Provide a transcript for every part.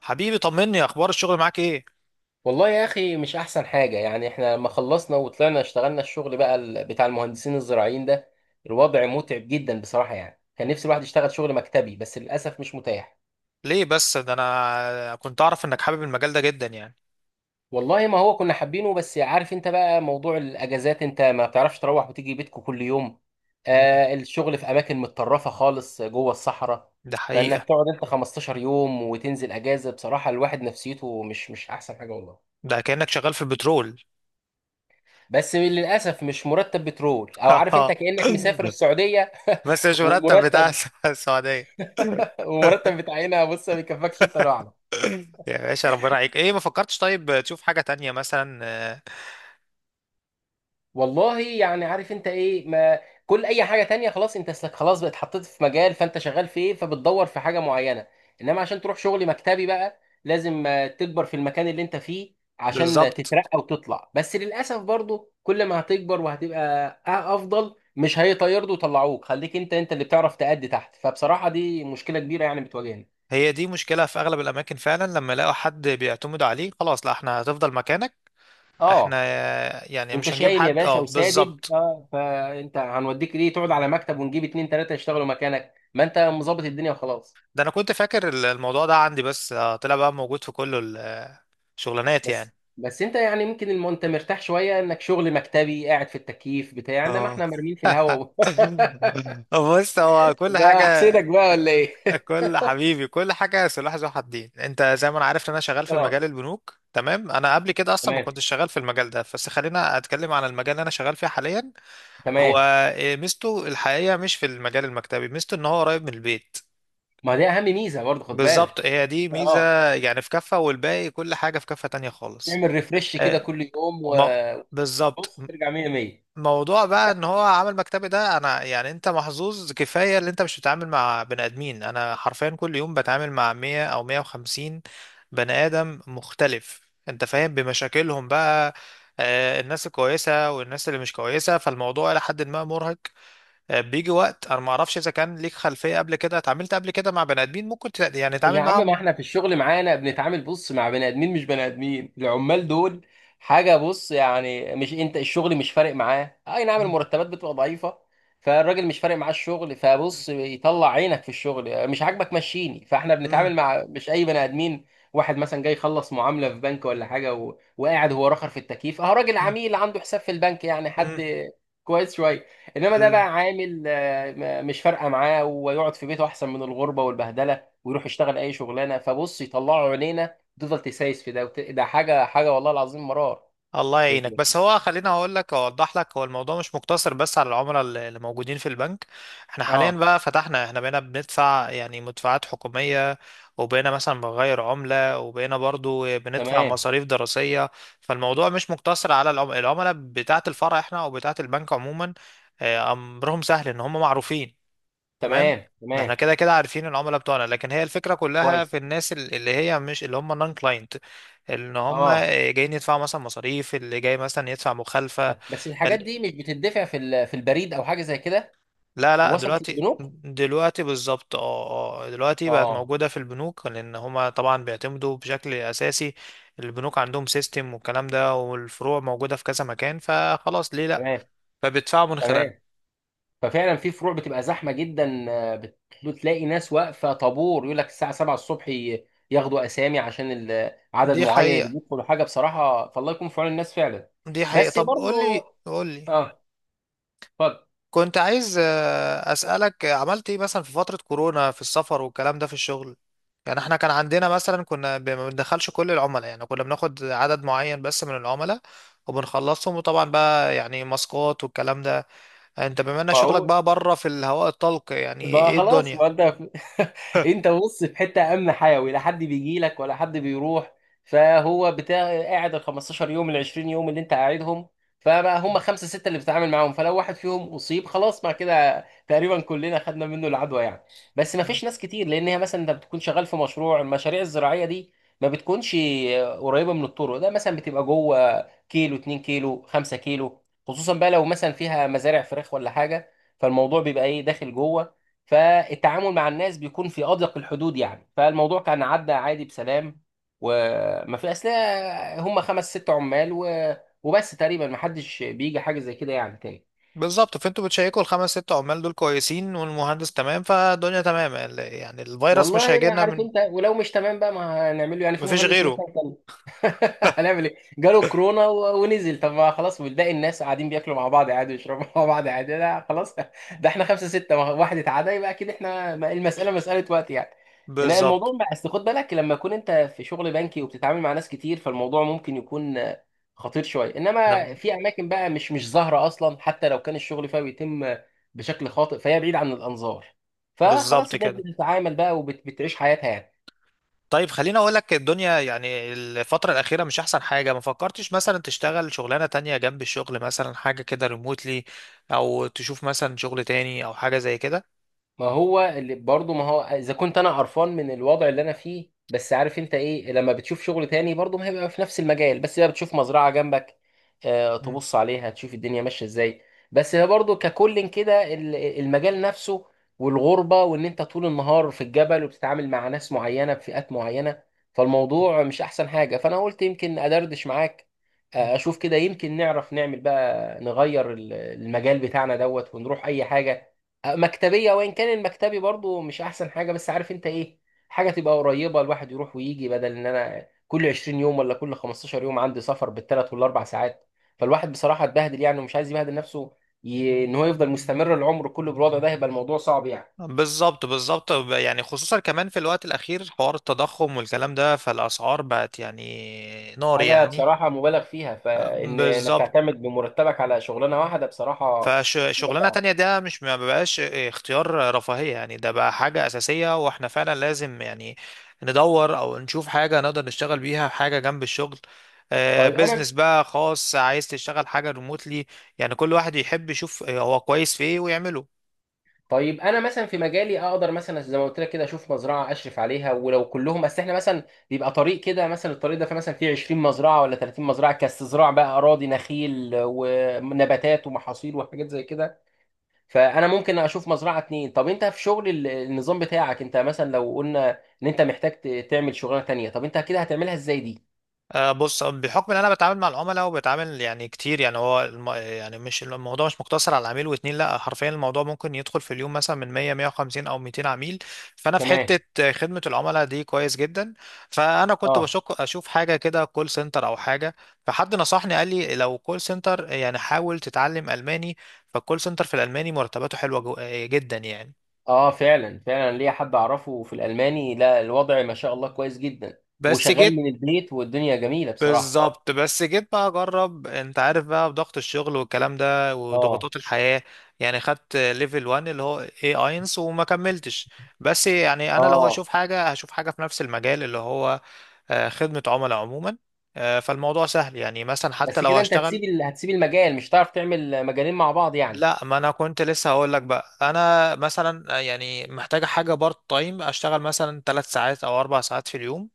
حبيبي، طمني اخبار الشغل معاك ايه؟ والله يا اخي، مش احسن حاجه. يعني احنا لما خلصنا وطلعنا اشتغلنا الشغل بقى بتاع المهندسين الزراعيين ده. الوضع متعب جدا بصراحه. يعني كان نفسي الواحد يشتغل شغل مكتبي، بس للاسف مش متاح. ليه بس؟ ده انا كنت اعرف انك حابب المجال ده جدا يعني. والله ما هو كنا حابينه، بس عارف انت بقى موضوع الاجازات، انت ما بتعرفش تروح وتيجي بيتكم كل يوم. مم. الشغل في اماكن متطرفه خالص جوه الصحراء. ده فانك حقيقة. تقعد انت 15 يوم وتنزل اجازه، بصراحه الواحد نفسيته مش احسن حاجه والله. ده كأنك شغال في البترول. بس للاسف مش مرتب بترول، او عارف انت كانك مسافر السعوديه. بس مش مرتب بتاع ومرتب السعودية. ومرتب بتاع هنا، بص ما بيكفكش انت لوحدك. يا باشا ربنا عليك، ايه ما فكرتش طيب تشوف حاجة تانية مثلا؟ والله يعني عارف انت ايه ما. كل اي حاجه تانية خلاص، انت خلاص بقت حطيت في مجال فانت شغال فيه، فبتدور في حاجه معينه. انما عشان تروح شغل مكتبي بقى لازم تكبر في المكان اللي انت فيه عشان بالظبط تترقى وتطلع. بس للاسف برضو كل ما هتكبر وهتبقى افضل، مش هيطيروا ويطلعوك. خليك انت اللي بتعرف تأدي تحت، فبصراحه دي مشكله كبيره يعني بتواجهني. هي دي مشكلة في اغلب الاماكن فعلا، لما يلاقوا حد بيعتمدوا عليه خلاص لا، احنا هتفضل مكانك. احنا اه، يعني انت مش هنجيب شايل يا حد. اه، باشا وسادد، بالظبط. فانت هنوديك ليه تقعد على مكتب ونجيب اتنين تلاته يشتغلوا مكانك؟ ما انت مظبط الدنيا وخلاص. ده انا كنت فاكر الموضوع ده عندي، بس طلع بقى موجود في كل الشغلانات يعني. بس انت يعني ممكن انت مرتاح شويه انك شغل مكتبي قاعد في التكييف بتاع، انما اه. احنا مرميين في الهواء. بص هو كل بقى حاجة. احسدك بقى، ولا ايه؟ كل، حبيبي، كل حاجة سلاح ذو حدين. انت زي ما انا عارف ان انا شغال في اه. مجال البنوك، تمام. انا قبل كده اصلا ما تمام، كنتش شغال في المجال ده، بس خلينا اتكلم عن المجال اللي انا شغال فيه حاليا. هو تمام. إيه، ميزته الحقيقة مش في المجال المكتبي، ميزته ان هو قريب من البيت. ما دي اهم ميزه برضه، خد بالظبط، بالك. هي دي ميزة اه. يعني في كفة، والباقي كل حاجة في كفة تانية خالص. تعمل ريفرش كده آه، كل يوم. ما بالظبط. وبص ترجع 100 100. موضوع بقى ان هو عمل مكتبي ده، انا يعني انت محظوظ كفايه اللي انت مش بتتعامل مع بني ادمين. انا حرفيا كل يوم بتعامل مع 100 او 150 بني ادم مختلف، انت فاهم بمشاكلهم بقى. الناس الكويسه والناس اللي مش كويسه، فالموضوع الى حد ما مرهق. بيجي وقت، انا ما اعرفش اذا كان ليك خلفيه قبل كده اتعاملت قبل كده مع بني ادمين ممكن يعني يا تتعامل عم، ما معاهم. احنا في الشغل معانا بنتعامل بص مع بني ادمين، مش بني ادمين العمال دول. حاجه، بص يعني مش انت الشغل مش فارق معاه. اي نعم مم. المرتبات بتبقى ضعيفه. فالراجل مش فارق معاه الشغل، فبص يطلع عينك في الشغل، مش عاجبك مشيني. فاحنا مم. بنتعامل مع مش اي بني ادمين. واحد مثلا جاي يخلص معامله في بنك ولا حاجه وقاعد هو رخر في التكييف. اه راجل عميل عنده حساب في البنك يعني مم. حد كويس شويه. انما ده بقى مم. عامل مش فارقه معاه ويقعد في بيته، احسن من الغربه والبهدله. ويروح يشتغل اي شغلانه، فبص يطلعوا عينينا تفضل تسايس في ده ده حاجه حاجه، والله العظيم مرار. الله يعينك، في- بس هو خليني اقول لك، اوضح لك، هو الموضوع مش مقتصر بس على العملاء اللي موجودين في البنك. احنا حاليا اه. بقى فتحنا، احنا بقينا بندفع يعني مدفوعات حكومية، وبقينا مثلا بنغير عملة، وبقينا برضو بندفع تمام، مصاريف دراسية. فالموضوع مش مقتصر على العملاء بتاعة الفرع احنا، او بتاعة البنك عموما. امرهم سهل ان هم معروفين. تمام. تمام، احنا تمام. كده كده عارفين العملاء بتوعنا، لكن هي الفكرة كلها في كويس. الناس اللي هي مش اللي هم نون كلاينت. ان هم اه، جايين يدفعوا مثلا مصاريف، اللي جاي مثلا يدفع مخالفة. بس الحاجات دي ال- مش بتدفع في في البريد او حاجه زي كده؟ لا لا، وصلت دلوقتي. للبنوك؟ دلوقتي بالظبط، اه. اه دلوقتي بقت اه. موجودة في البنوك، لان هم طبعا بيعتمدوا بشكل اساسي. البنوك عندهم سيستم والكلام ده، والفروع موجودة في كذا مكان، فخلاص ليه لا؟ تمام، فبيدفعوا من خلالها. تمام. ففعلا في فروع بتبقى زحمه جدا. بتلاقي ناس واقفه طابور، يقول لك الساعه 7 الصبح ياخدوا اسامي عشان عدد دي معين اللي حقيقة. بيدخلوا. حاجه بصراحه، فالله يكون في عون الناس فعلا. دي حقيقة. بس طب قول برضو. لي قول لي اه، اتفضل. كنت عايز أسألك، عملت ايه مثلا في فترة كورونا في السفر والكلام ده في الشغل؟ يعني احنا كان عندنا مثلا كنا ما بندخلش كل العملاء، يعني كنا بناخد عدد معين بس من العملاء وبنخلصهم. وطبعا بقى يعني ماسكات والكلام ده. انت بما ان ما شغلك هو بقى بره في الهواء الطلق، يعني بقى ايه خلاص، الدنيا؟ ما انت انت بص في حته امن حيوي، لا حد بيجي لك ولا حد بيروح. فهو بتاع قاعد ال 15 يوم ال 20 يوم اللي انت قاعدهم. فبقى هم خمسه سته اللي بتتعامل معاهم، فلو واحد فيهم اصيب خلاص مع كده تقريبا كلنا خدنا منه العدوى يعني. بس ما آه. فيش ناس كتير، لان هي مثلا انت بتكون شغال في مشروع المشاريع الزراعيه دي. ما بتكونش قريبه من الطرق. ده مثلا بتبقى جوه، كيلو 2 كيلو 5 كيلو. خصوصا بقى لو مثلا فيها مزارع فراخ ولا حاجه، فالموضوع بيبقى ايه، داخل جوه. فالتعامل مع الناس بيكون في أضيق الحدود، يعني فالموضوع كان عدى عادي بسلام. وما في أصل، هم خمس ست عمال وبس تقريبا. ما حدش بيجي حاجة زي كده يعني تاني. بالظبط، فانتوا بتشيكوا الخمس ست عمال دول كويسين والمهندس تمام، فالدنيا تمام. يعني الفيروس مش والله ما هيجيلنا عارف من، انت، ولو مش تمام بقى ما هنعمله يعني. في مفيش مهندس غيره. مثلا كان هنعمل ايه؟ جاله كورونا ونزل. طب ما خلاص. والباقي الناس قاعدين بياكلوا مع بعض عادي ويشربوا مع بعض عادي. لا خلاص. ده احنا خمسة ستة، واحد اتعدى يبقى اكيد احنا، المسألة مسألة وقت يعني. ان بالظبط. الموضوع بقى اصل خد بالك، لما يكون انت في شغل بنكي وبتتعامل مع ناس كتير، فالموضوع ممكن يكون خطير شوية. انما نعم. في اماكن بقى مش ظاهرة اصلا، حتى لو كان الشغل فيها بيتم بشكل خاطئ، فهي بعيد عن الانظار. فخلاص بالظبط الناس كده. بتتعامل بقى وبتعيش حياتها يعني. طيب خليني اقول لك، الدنيا يعني الفترة الأخيرة مش أحسن حاجة، ما فكرتش مثلا تشتغل شغلانة تانية جنب الشغل، مثلا حاجة كده ريموتلي، أو تشوف مثلا شغل تاني أو حاجة زي كده؟ ما هو اللي برضه، ما هو اذا كنت انا قرفان من الوضع اللي انا فيه، بس عارف انت ايه، لما بتشوف شغل تاني برضه ما هيبقى في نفس المجال. بس بقى بتشوف مزرعه جنبك، مم. تبص عليها تشوف الدنيا ماشيه ازاي. بس هي برضه ككل كده المجال نفسه، والغربه، وان انت طول النهار في الجبل وبتتعامل مع ناس معينه بفئات معينه. فالموضوع مش احسن حاجه، فانا قلت يمكن ادردش معاك. مم. اشوف كده، يمكن نعرف نعمل بقى نغير المجال بتاعنا دوت، ونروح اي حاجه مكتبية. وإن كان المكتبي برضو مش أحسن حاجة، بس عارف أنت إيه. حاجة تبقى قريبة، الواحد يروح ويجي، بدل إن أنا كل 20 يوم ولا كل 15 يوم عندي سفر بالثلاث والأربع ساعات. فالواحد بصراحة اتبهدل يعني، ومش عايز يبهدل نفسه. إن هو يفضل مستمر العمر كله بالوضع ده، هيبقى الموضوع صعب يعني. بالظبط، بالظبط، يعني خصوصا كمان في الوقت الأخير حوار التضخم والكلام ده، فالأسعار بقت يعني نار حاجة يعني. بصراحة مبالغ فيها، فإن إنك بالظبط، تعتمد بمرتبك على شغلانة واحدة بصراحة حاجة فشغلانة صعبة. تانية ده مش، ما بقاش اختيار رفاهية يعني، ده بقى حاجة أساسية، واحنا فعلا لازم يعني ندور أو نشوف حاجة نقدر نشتغل بيها، حاجة جنب الشغل. طيب أنا. بيزنس بقى خاص، عايز تشتغل حاجة ريموتلي يعني. كل واحد يحب يشوف هو كويس في ايه ويعمله. طيب انا مثلا في مجالي اقدر مثلا زي ما قلت لك كده، اشوف مزرعه اشرف عليها ولو كلهم. بس احنا مثلا بيبقى طريق كده، مثلا الطريق ده فيه مثلا فيه 20 مزرعه ولا 30 مزرعه كاستزراع بقى اراضي نخيل ونباتات ومحاصيل وحاجات زي كده. فانا ممكن اشوف مزرعه اتنين. طب انت في شغل النظام بتاعك، انت مثلا لو قلنا ان انت محتاج تعمل شغلانه تانيه، طب انت كده هتعملها ازاي دي؟ آه، بص آه، بحكم ان انا بتعامل مع العملاء وبتعامل يعني كتير يعني، هو يعني مش، الموضوع مش مقتصر على عميل واتنين، لا حرفيا الموضوع ممكن يدخل في اليوم مثلا من 100 150 او 200 عميل. فانا في تمام. حتة خدمة العملاء دي كويس جدا. فانا كنت اه، بشك اشوف حاجة كده كول سنتر او حاجة. فحد نصحني قال لي لو كول سنتر يعني حاول تتعلم الماني. فالكول سنتر في الالماني مرتباته حلوة جو... آه، جدا يعني. اه. فعلا، فعلا، ليا حد اعرفه في الالماني، لا الوضع ما شاء الله كويس جدا. بس جيت. وشغال من البيت، والدنيا جميله بصراحه. بالظبط، بس جيت بقى اجرب. انت عارف بقى بضغط الشغل والكلام ده اه، وضغوطات الحياة، يعني خدت ليفل 1 اللي هو اي اينس وما كملتش. بس يعني انا لو اه. هشوف حاجة، هشوف حاجة في نفس المجال اللي هو خدمة عملاء عموما. فالموضوع سهل يعني، مثلا حتى بس لو كده انت هشتغل... هتسيب هتسيب المجال، مش هتعرف تعمل مجالين مع بعض يعني. لا، ما انا كنت لسه هقول لك بقى، انا مثلا يعني محتاجة حاجة بارت تايم، اشتغل مثلا 3 ساعات او 4 ساعات في اليوم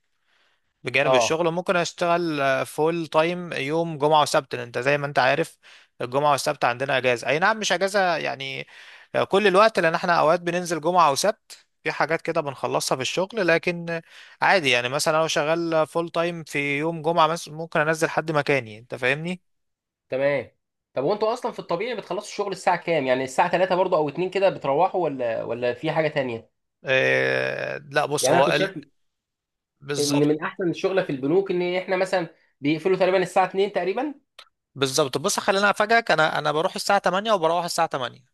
بجانب اه، الشغل. ممكن اشتغل فول تايم يوم جمعة وسبت، لأن انت زي ما انت عارف الجمعة والسبت عندنا اجازة. اي نعم، مش اجازة يعني كل الوقت، لان احنا اوقات بننزل جمعة وسبت في حاجات كده بنخلصها في الشغل، لكن عادي يعني، مثلا لو شغال فول تايم في يوم جمعة مثلا ممكن انزل حد مكاني، انت فاهمني. تمام. طب وانتوا اصلا في الطبيعي بتخلصوا الشغل الساعه كام؟ يعني الساعه 3 برضو او 2 كده بتروحوا ولا في حاجه تانية؟ آه لا، بص يعني انا هو كنت شايف ان بالظبط. من احسن الشغله في البنوك ان احنا مثلا بيقفلوا تقريبا الساعه 2 تقريبا. بالظبط، بص خلينا افاجئك، انا بروح الساعة 8، وبروح الساعة 8.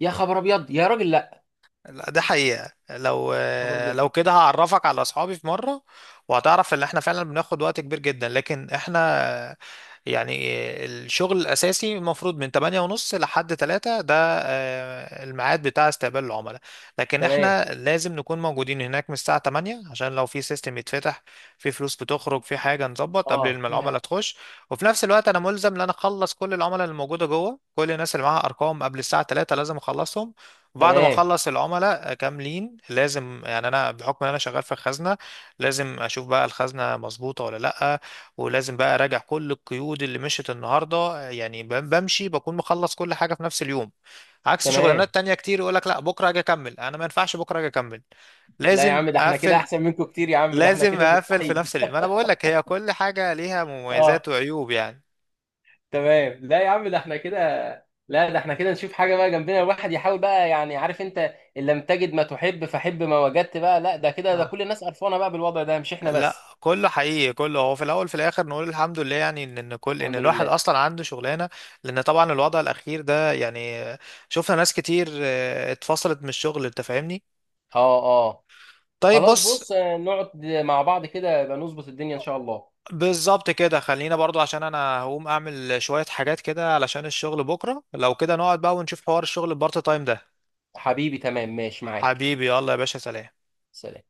يا خبر ابيض يا راجل، لا، لا ده حقيقة، لو يا خبر ابيض! لو كده هعرفك على اصحابي في مرة. وهتعرف ان احنا فعلا بناخد وقت كبير جدا، لكن احنا يعني الشغل الاساسي المفروض من 8 ونص لحد 3 ده الميعاد بتاع استقبال العملاء. لكن تمام. احنا لازم نكون موجودين هناك من الساعة 8، عشان لو في سيستم يتفتح، في فلوس بتخرج، في حاجة نظبط قبل اه ما يا، العملاء تخش. وفي نفس الوقت انا ملزم ان انا اخلص كل العملاء اللي موجودة جوه، كل الناس اللي معاها ارقام قبل الساعة 3 لازم اخلصهم. بعد ما تمام، اخلص العملاء كاملين لازم يعني، انا بحكم ان انا شغال في الخزنه، لازم اشوف بقى الخزنه مظبوطه ولا لا. ولازم بقى اراجع كل القيود اللي مشت النهارده، يعني بمشي، بكون مخلص كل حاجه في نفس اليوم. عكس تمام. شغلانات تانية كتير يقول لك لا بكره اجي اكمل، انا ما ينفعش بكره اجي اكمل، لا يا لازم عم، ده احنا كده اقفل. احسن منكم كتير، يا عم ده احنا لازم كده اقفل في مستحيل. نفس اليوم. ما انا بقول لك هي كل حاجه ليها اه، مميزات وعيوب يعني. تمام. لا يا عم، ده احنا كده. لا، ده احنا كده نشوف حاجة بقى جنبنا، الواحد يحاول بقى يعني عارف انت. ان لم تجد ما تحب فحب ما وجدت بقى. لا ده كده، ده اه، كل الناس قرفانة بقى بالوضع ده مش احنا لا بس. كله حقيقي، كله هو في الاول في الاخر نقول الحمد لله يعني، ان إن كل ان الحمد الواحد لله. اصلا عنده شغلانه. لان طبعا الوضع الاخير ده يعني، شفنا ناس كتير اتفصلت من الشغل، انت فاهمني. اه، اه. طيب خلاص بص، بص، نقعد مع بعض كده يبقى نظبط الدنيا ان شاء الله. بالظبط كده، خلينا برضو عشان انا هقوم اعمل شويه حاجات كده علشان الشغل بكره، لو كده نقعد بقى ونشوف حوار الشغل البارت تايم ده. حبيبي تمام، ماشي معاك. حبيبي، يلا يا باشا، سلام. سلام.